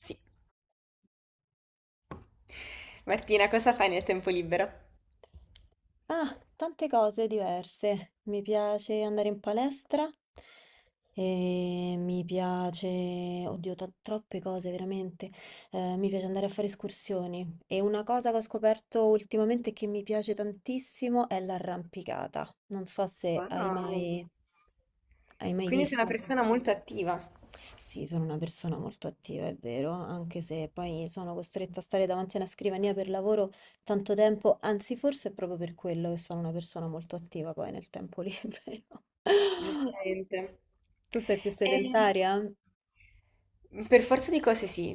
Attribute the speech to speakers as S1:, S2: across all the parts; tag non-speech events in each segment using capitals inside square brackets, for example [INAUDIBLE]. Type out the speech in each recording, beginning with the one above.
S1: Sì. Martina, cosa fai nel tempo libero?
S2: Ah, tante cose diverse. Mi piace andare in palestra e mi piace, oddio, troppe cose veramente. Mi piace andare a fare escursioni e una cosa che ho scoperto ultimamente che mi piace tantissimo è l'arrampicata. Non so se hai
S1: Wow.
S2: mai, hai mai
S1: Quindi sei una
S2: visto.
S1: persona molto attiva.
S2: Sì, sono una persona molto attiva, è vero, anche se poi sono costretta a stare davanti a una scrivania per lavoro tanto tempo, anzi forse è proprio per quello che sono una persona molto attiva poi nel tempo libero. [LAUGHS]
S1: Giustamente.
S2: Tu sei più
S1: E...
S2: sedentaria? [LAUGHS]
S1: Per forza di cose sì,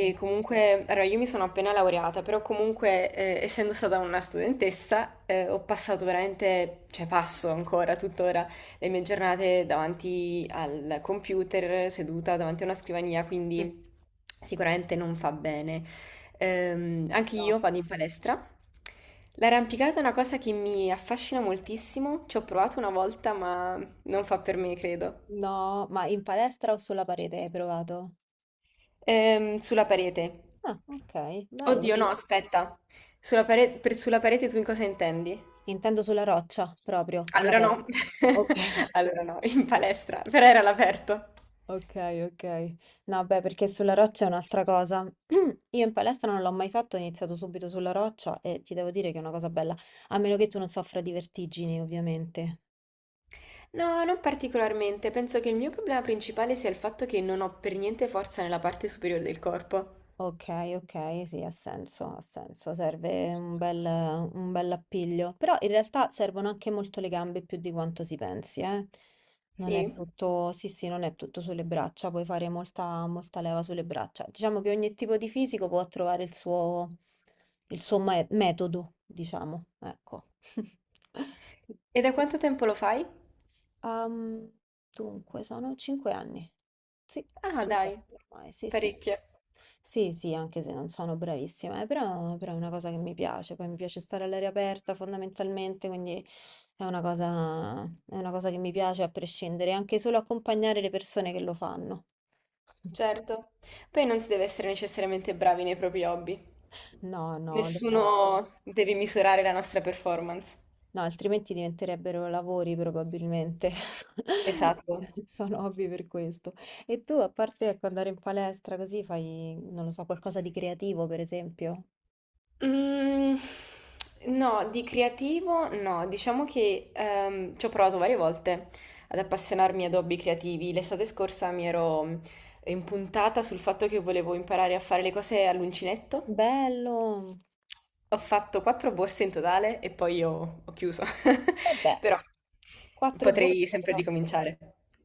S2: Mm.
S1: comunque, allora io mi sono appena laureata, però comunque essendo stata una studentessa ho passato veramente, cioè passo ancora tuttora le mie giornate davanti al computer, seduta davanti a una scrivania,
S2: Mm.
S1: quindi sicuramente non fa bene. Anche
S2: No.
S1: io vado in palestra. L'arrampicata è una cosa che mi affascina moltissimo, ci ho provato una volta ma non fa per me, credo.
S2: No, ma in palestra o sulla parete hai provato?
S1: Sulla parete.
S2: Ah, ok, bello.
S1: Oddio, no, aspetta. Per sulla parete tu in cosa intendi?
S2: Intendo sulla roccia, proprio,
S1: Allora
S2: all'aperto.
S1: no.
S2: Ok.
S1: [LAUGHS] Allora no, in palestra, però era all'aperto.
S2: Ok, ok. No, beh, perché sulla roccia è un'altra cosa. [CLEARS THROAT] Io in palestra non l'ho mai fatto, ho iniziato subito sulla roccia e ti devo dire che è una cosa bella, a meno che tu non soffra di vertigini, ovviamente.
S1: No, non particolarmente. Penso che il mio problema principale sia il fatto che non ho per niente forza nella parte superiore del corpo.
S2: Ok, ok, sì, ha senso, serve un bel appiglio, però in realtà servono anche molto le gambe più di quanto si pensi, eh. Non è
S1: Sì.
S2: tutto, sì, sì, non è tutto sulle braccia, puoi fare molta, molta leva sulle braccia. Diciamo che ogni tipo di fisico può trovare il suo metodo, diciamo, ecco. [LAUGHS]
S1: E da quanto tempo lo fai?
S2: Ehm, dunque, sono 5 anni. Sì,
S1: Ah,
S2: 5
S1: dai,
S2: anni ormai, sì, sì.
S1: parecchio.
S2: Sì, sì, anche se non sono bravissima, però, è una cosa che mi piace, poi mi piace stare all'aria aperta fondamentalmente, quindi è una cosa che mi piace a prescindere, anche solo accompagnare le persone che lo fanno. [LAUGHS]
S1: Certo. Poi non si deve essere necessariamente bravi nei propri hobby.
S2: No, no,
S1: Nessuno deve misurare la nostra performance.
S2: no, altrimenti diventerebbero lavori probabilmente. [LAUGHS]
S1: Esatto.
S2: Sono hobby per questo. E tu, a parte ecco, andare in palestra così, fai, non lo so, qualcosa di creativo, per esempio?
S1: Mm, no, di creativo no, diciamo che ci ho provato varie volte ad appassionarmi ad hobby creativi. L'estate scorsa mi ero impuntata sul fatto che volevo imparare a fare le cose all'uncinetto.
S2: Bello!
S1: Ho fatto quattro borse in totale e poi ho chiuso. [LAUGHS]
S2: Vabbè,
S1: Però
S2: Quattro
S1: potrei
S2: bollite
S1: sempre
S2: però.
S1: ricominciare.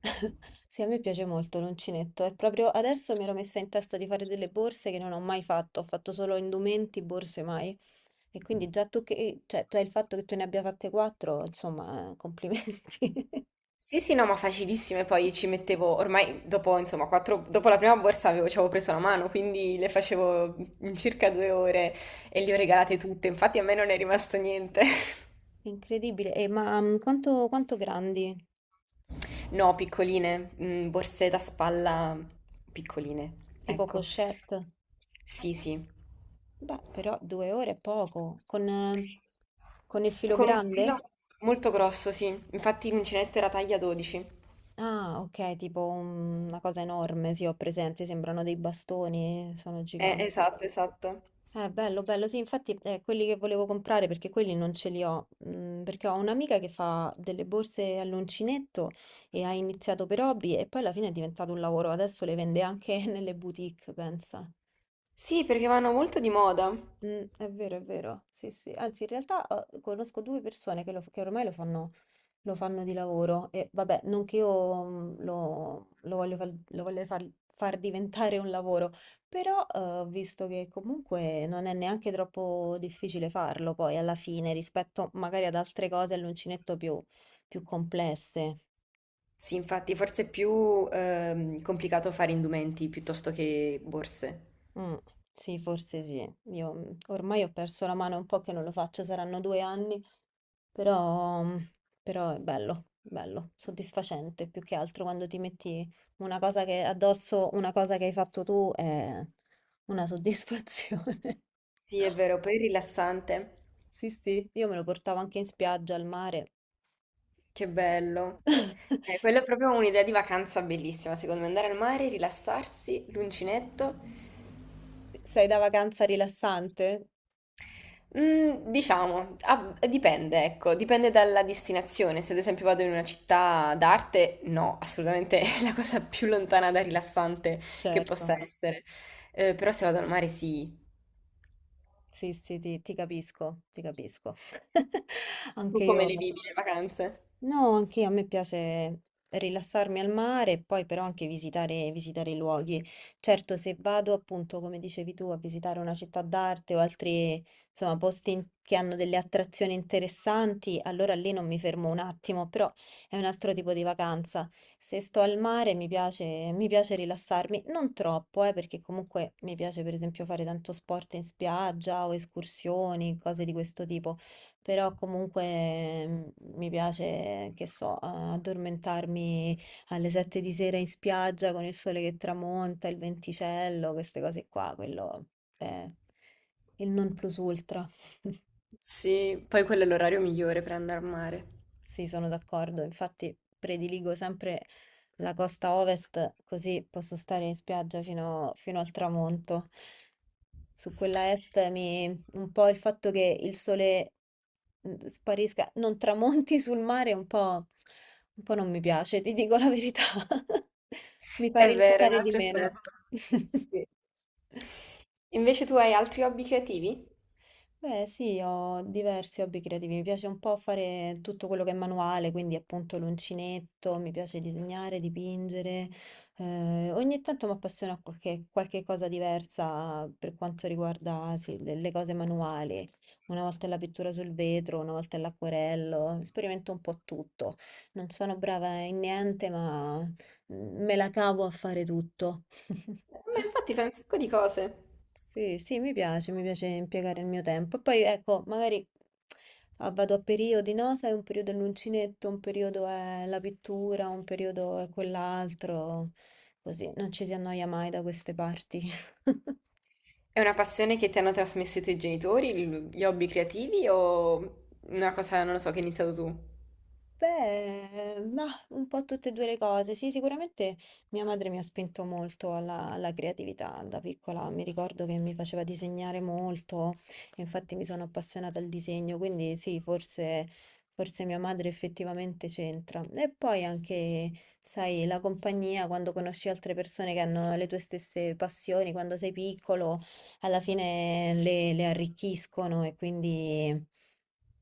S2: [LAUGHS] Sì, a me piace molto l'uncinetto. E proprio adesso mi ero messa in testa di fare delle borse che non ho mai fatto. Ho fatto solo indumenti, borse mai. E quindi già cioè, già il fatto che tu ne abbia fatte quattro, insomma, complimenti. [LAUGHS]
S1: Sì, sì, no, ma facilissime, poi ci mettevo, ormai dopo, insomma, quattro, dopo la prima borsa ci avevo preso la mano, quindi le facevo in circa 2 ore e le ho regalate tutte, infatti a me non è rimasto niente. [LAUGHS]
S2: Incredibile. E ma quanto grandi?
S1: No, piccoline, borse da spalla piccoline,
S2: Tipo
S1: ecco.
S2: pochette?
S1: Sì, sì,
S2: Beh, però 2 ore è poco. Con il filo
S1: con un filo
S2: grande?
S1: molto grosso, sì, infatti l'uncinetto era taglia 12.
S2: Ah, okay, tipo un una cosa enorme, sì, ho presente, sembrano dei bastoni, sono giganti.
S1: Esatto, esatto.
S2: Bello, bello, sì, infatti, quelli che volevo comprare, perché quelli non ce li ho, perché ho un'amica che fa delle borse all'uncinetto e ha iniziato per hobby e poi alla fine è diventato un lavoro, adesso le vende anche [LAUGHS] nelle boutique, pensa.
S1: Sì, perché vanno molto di moda.
S2: È vero, sì, sì. Anzi, in realtà, conosco 2 persone che ormai lo fanno di lavoro e vabbè, non che io lo voglio far diventare un lavoro, però ho visto che comunque non è neanche troppo difficile farlo poi alla fine rispetto magari ad altre cose all'uncinetto più complesse.
S1: Sì, infatti, forse è più complicato fare indumenti piuttosto che borse.
S2: Mm, sì, forse sì. Io ormai ho perso la mano, è un po' che non lo faccio, saranno 2 anni. Però, mh, però è bello, bello, soddisfacente più che altro quando ti metti una cosa che addosso, una cosa che hai fatto tu è una soddisfazione. [LAUGHS]
S1: Sì, è vero, poi è rilassante.
S2: Sì, sì, io me lo portavo anche in spiaggia, al mare.
S1: Che bello.
S2: [LAUGHS]
S1: Quella è proprio un'idea di vacanza bellissima, secondo me. Andare al mare, rilassarsi, l'uncinetto.
S2: Sì, sei da vacanza rilassante?
S1: Diciamo, ah, dipende, ecco, dipende dalla destinazione. Se ad esempio vado in una città d'arte, no, assolutamente [LAUGHS] è la cosa più lontana da rilassante che
S2: Certo,
S1: possa essere. Però se vado al mare, sì.
S2: sì, sì, ti capisco. [LAUGHS]
S1: Tu
S2: Anche
S1: come
S2: io.
S1: le vivi le vacanze?
S2: No, anche a me piace rilassarmi al mare e poi però anche visitare i luoghi. Certo, se vado appunto, come dicevi tu, a visitare una città d'arte o altri, insomma, posti che hanno delle attrazioni interessanti, allora lì non mi fermo un attimo, però è un altro tipo di vacanza. Se sto al mare mi piace rilassarmi, non troppo, perché comunque mi piace per esempio fare tanto sport in spiaggia o escursioni, cose di questo tipo però comunque mi piace, che so, addormentarmi alle 7 di sera in spiaggia con il sole che tramonta, il venticello, queste cose qua, quello è il non plus ultra. [LAUGHS]
S1: Sì, poi quello è l'orario migliore per andare al mare.
S2: Sì, sono d'accordo. Infatti prediligo sempre la costa ovest, così posso stare in spiaggia fino al tramonto. Su quella est un po' il fatto che il sole sparisca, non tramonti [LAUGHS] sul mare, un po' non mi piace, ti dico la verità. [LAUGHS] Mi fa
S1: È vero, è un
S2: rilassare di
S1: altro
S2: meno.
S1: effetto.
S2: [LAUGHS]
S1: Sì. Invece tu hai altri hobby creativi?
S2: Beh, sì, ho diversi hobby creativi. Mi piace un po' fare tutto quello che è manuale, quindi appunto l'uncinetto, mi piace disegnare, dipingere. Ogni tanto mi appassiona qualche cosa diversa per quanto riguarda, sì, le cose manuali. Una volta è la pittura sul vetro, una volta è l'acquerello, sperimento un po' tutto. Non sono brava in niente, ma me la cavo a fare tutto. [LAUGHS]
S1: Ma infatti fai un sacco di cose.
S2: Sì, sì, mi piace impiegare il mio tempo. E poi ecco, magari vado a periodi, no? Sai, un periodo è l'uncinetto, un periodo è la pittura, un periodo è quell'altro, così non ci si annoia mai da queste parti. [LAUGHS]
S1: È una passione che ti hanno trasmesso i tuoi genitori, gli hobby creativi o una cosa, non lo so, che hai iniziato tu?
S2: Beh, mah, un po' tutte e 2 le cose. Sì, sicuramente mia madre mi ha spinto molto alla creatività da piccola. Mi ricordo che mi faceva disegnare molto, e infatti mi sono appassionata al disegno, quindi sì, forse mia madre effettivamente c'entra. E poi anche, sai, la compagnia, quando conosci altre persone che hanno le tue stesse passioni, quando sei piccolo alla fine le arricchiscono e quindi,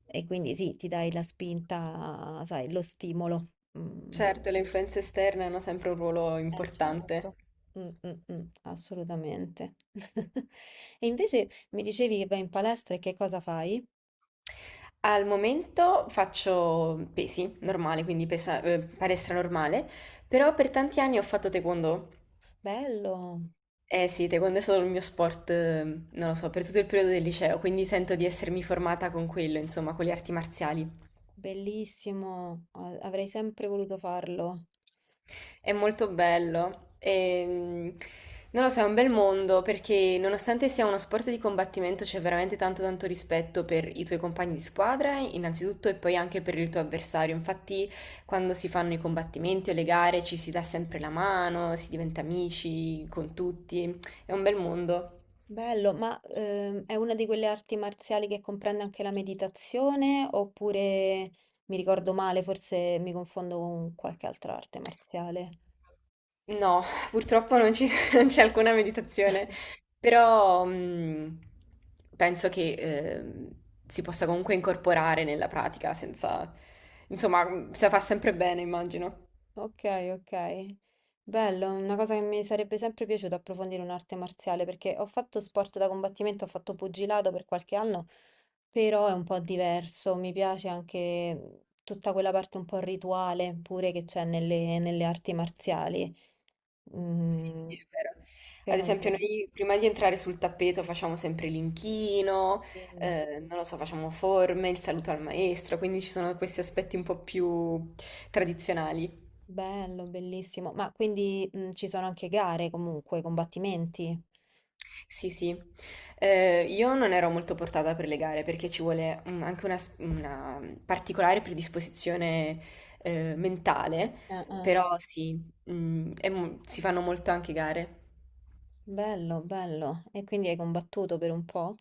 S2: sì, ti dai la spinta, sai, lo stimolo. Mm.
S1: Certo, le influenze esterne hanno sempre un ruolo
S2: Certo.
S1: importante.
S2: Mm, mm, mm, assolutamente. [LAUGHS] E invece mi dicevi che vai in palestra e che cosa fai?
S1: Al momento faccio pesi, normale, quindi palestra normale, però per tanti anni ho fatto taekwondo.
S2: Bello,
S1: Eh sì, taekwondo è stato il mio sport, non lo so, per tutto il periodo del liceo, quindi sento di essermi formata con quello, insomma, con le arti marziali.
S2: bellissimo, avrei sempre voluto farlo.
S1: È molto bello e non lo so, è un bel mondo perché nonostante sia uno sport di combattimento c'è veramente tanto tanto rispetto per i tuoi compagni di squadra, innanzitutto, e poi anche per il tuo avversario. Infatti, quando si fanno i combattimenti o le gare ci si dà sempre la mano, si diventa amici con tutti, è un bel mondo.
S2: Bello, ma è una di quelle arti marziali che comprende anche la meditazione oppure mi ricordo male, forse mi confondo con qualche altra arte marziale.
S1: No, purtroppo non ci- [LAUGHS] non c'è alcuna meditazione, però penso che si possa comunque incorporare nella pratica senza, insomma, se la fa sempre bene, immagino.
S2: Ok, ok. Bello, una cosa che mi sarebbe sempre piaciuto approfondire un'arte marziale perché ho fatto sport da combattimento, ho fatto pugilato per qualche anno, però è un po' diverso, mi piace anche tutta quella parte un po' rituale pure che c'è nelle arti marziali.
S1: Sì,
S2: Mm,
S1: sì, è vero. Ad
S2: quello mi
S1: esempio, noi prima di entrare sul tappeto facciamo sempre l'inchino,
S2: piace.
S1: non lo so, facciamo forme, il saluto al maestro, quindi ci sono questi aspetti un po' più tradizionali.
S2: Bello, bellissimo. Ma quindi ci sono anche gare comunque, combattimenti?
S1: Sì, sì. Io non ero molto portata per le gare perché ci vuole anche una particolare predisposizione mentale,
S2: Eh.
S1: però sì, si fanno molto anche gare.
S2: Bello, bello. E quindi hai combattuto per un po'?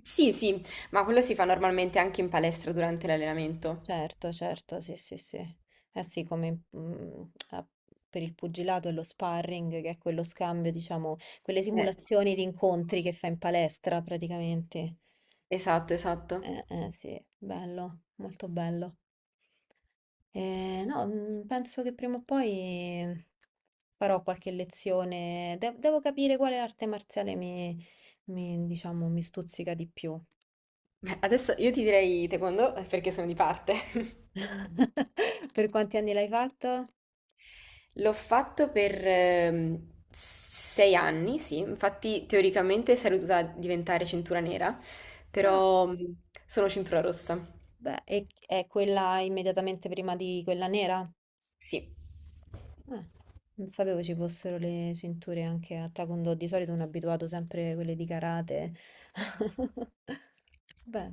S1: Sì, sì, ma quello si fa normalmente anche in palestra durante l'allenamento.
S2: Certo, certo, sì, sì, sì. Eh sì, come a- per il pugilato e lo sparring, che è quello scambio, diciamo, quelle
S1: Eh,
S2: simulazioni di incontri che fai in palestra praticamente.
S1: esatto, esatto.
S2: Sì, bello, molto bello. No, penso che prima o poi farò qualche lezione. Devo capire quale arte marziale diciamo, mi stuzzica di più.
S1: Beh, adesso io ti direi taekwondo perché sono di parte. [LAUGHS]
S2: [LAUGHS] Per quanti anni l'hai fatto?
S1: L'ho fatto per 6 anni, sì, infatti teoricamente sarei dovuta diventare cintura nera,
S2: Ah,
S1: però sono cintura rossa,
S2: beh, è quella immediatamente prima di quella nera?
S1: sì.
S2: Ah, non sapevo ci fossero le cinture anche a Taekwondo. Di solito sono abituato sempre a quelle di karate. [LAUGHS] Beh.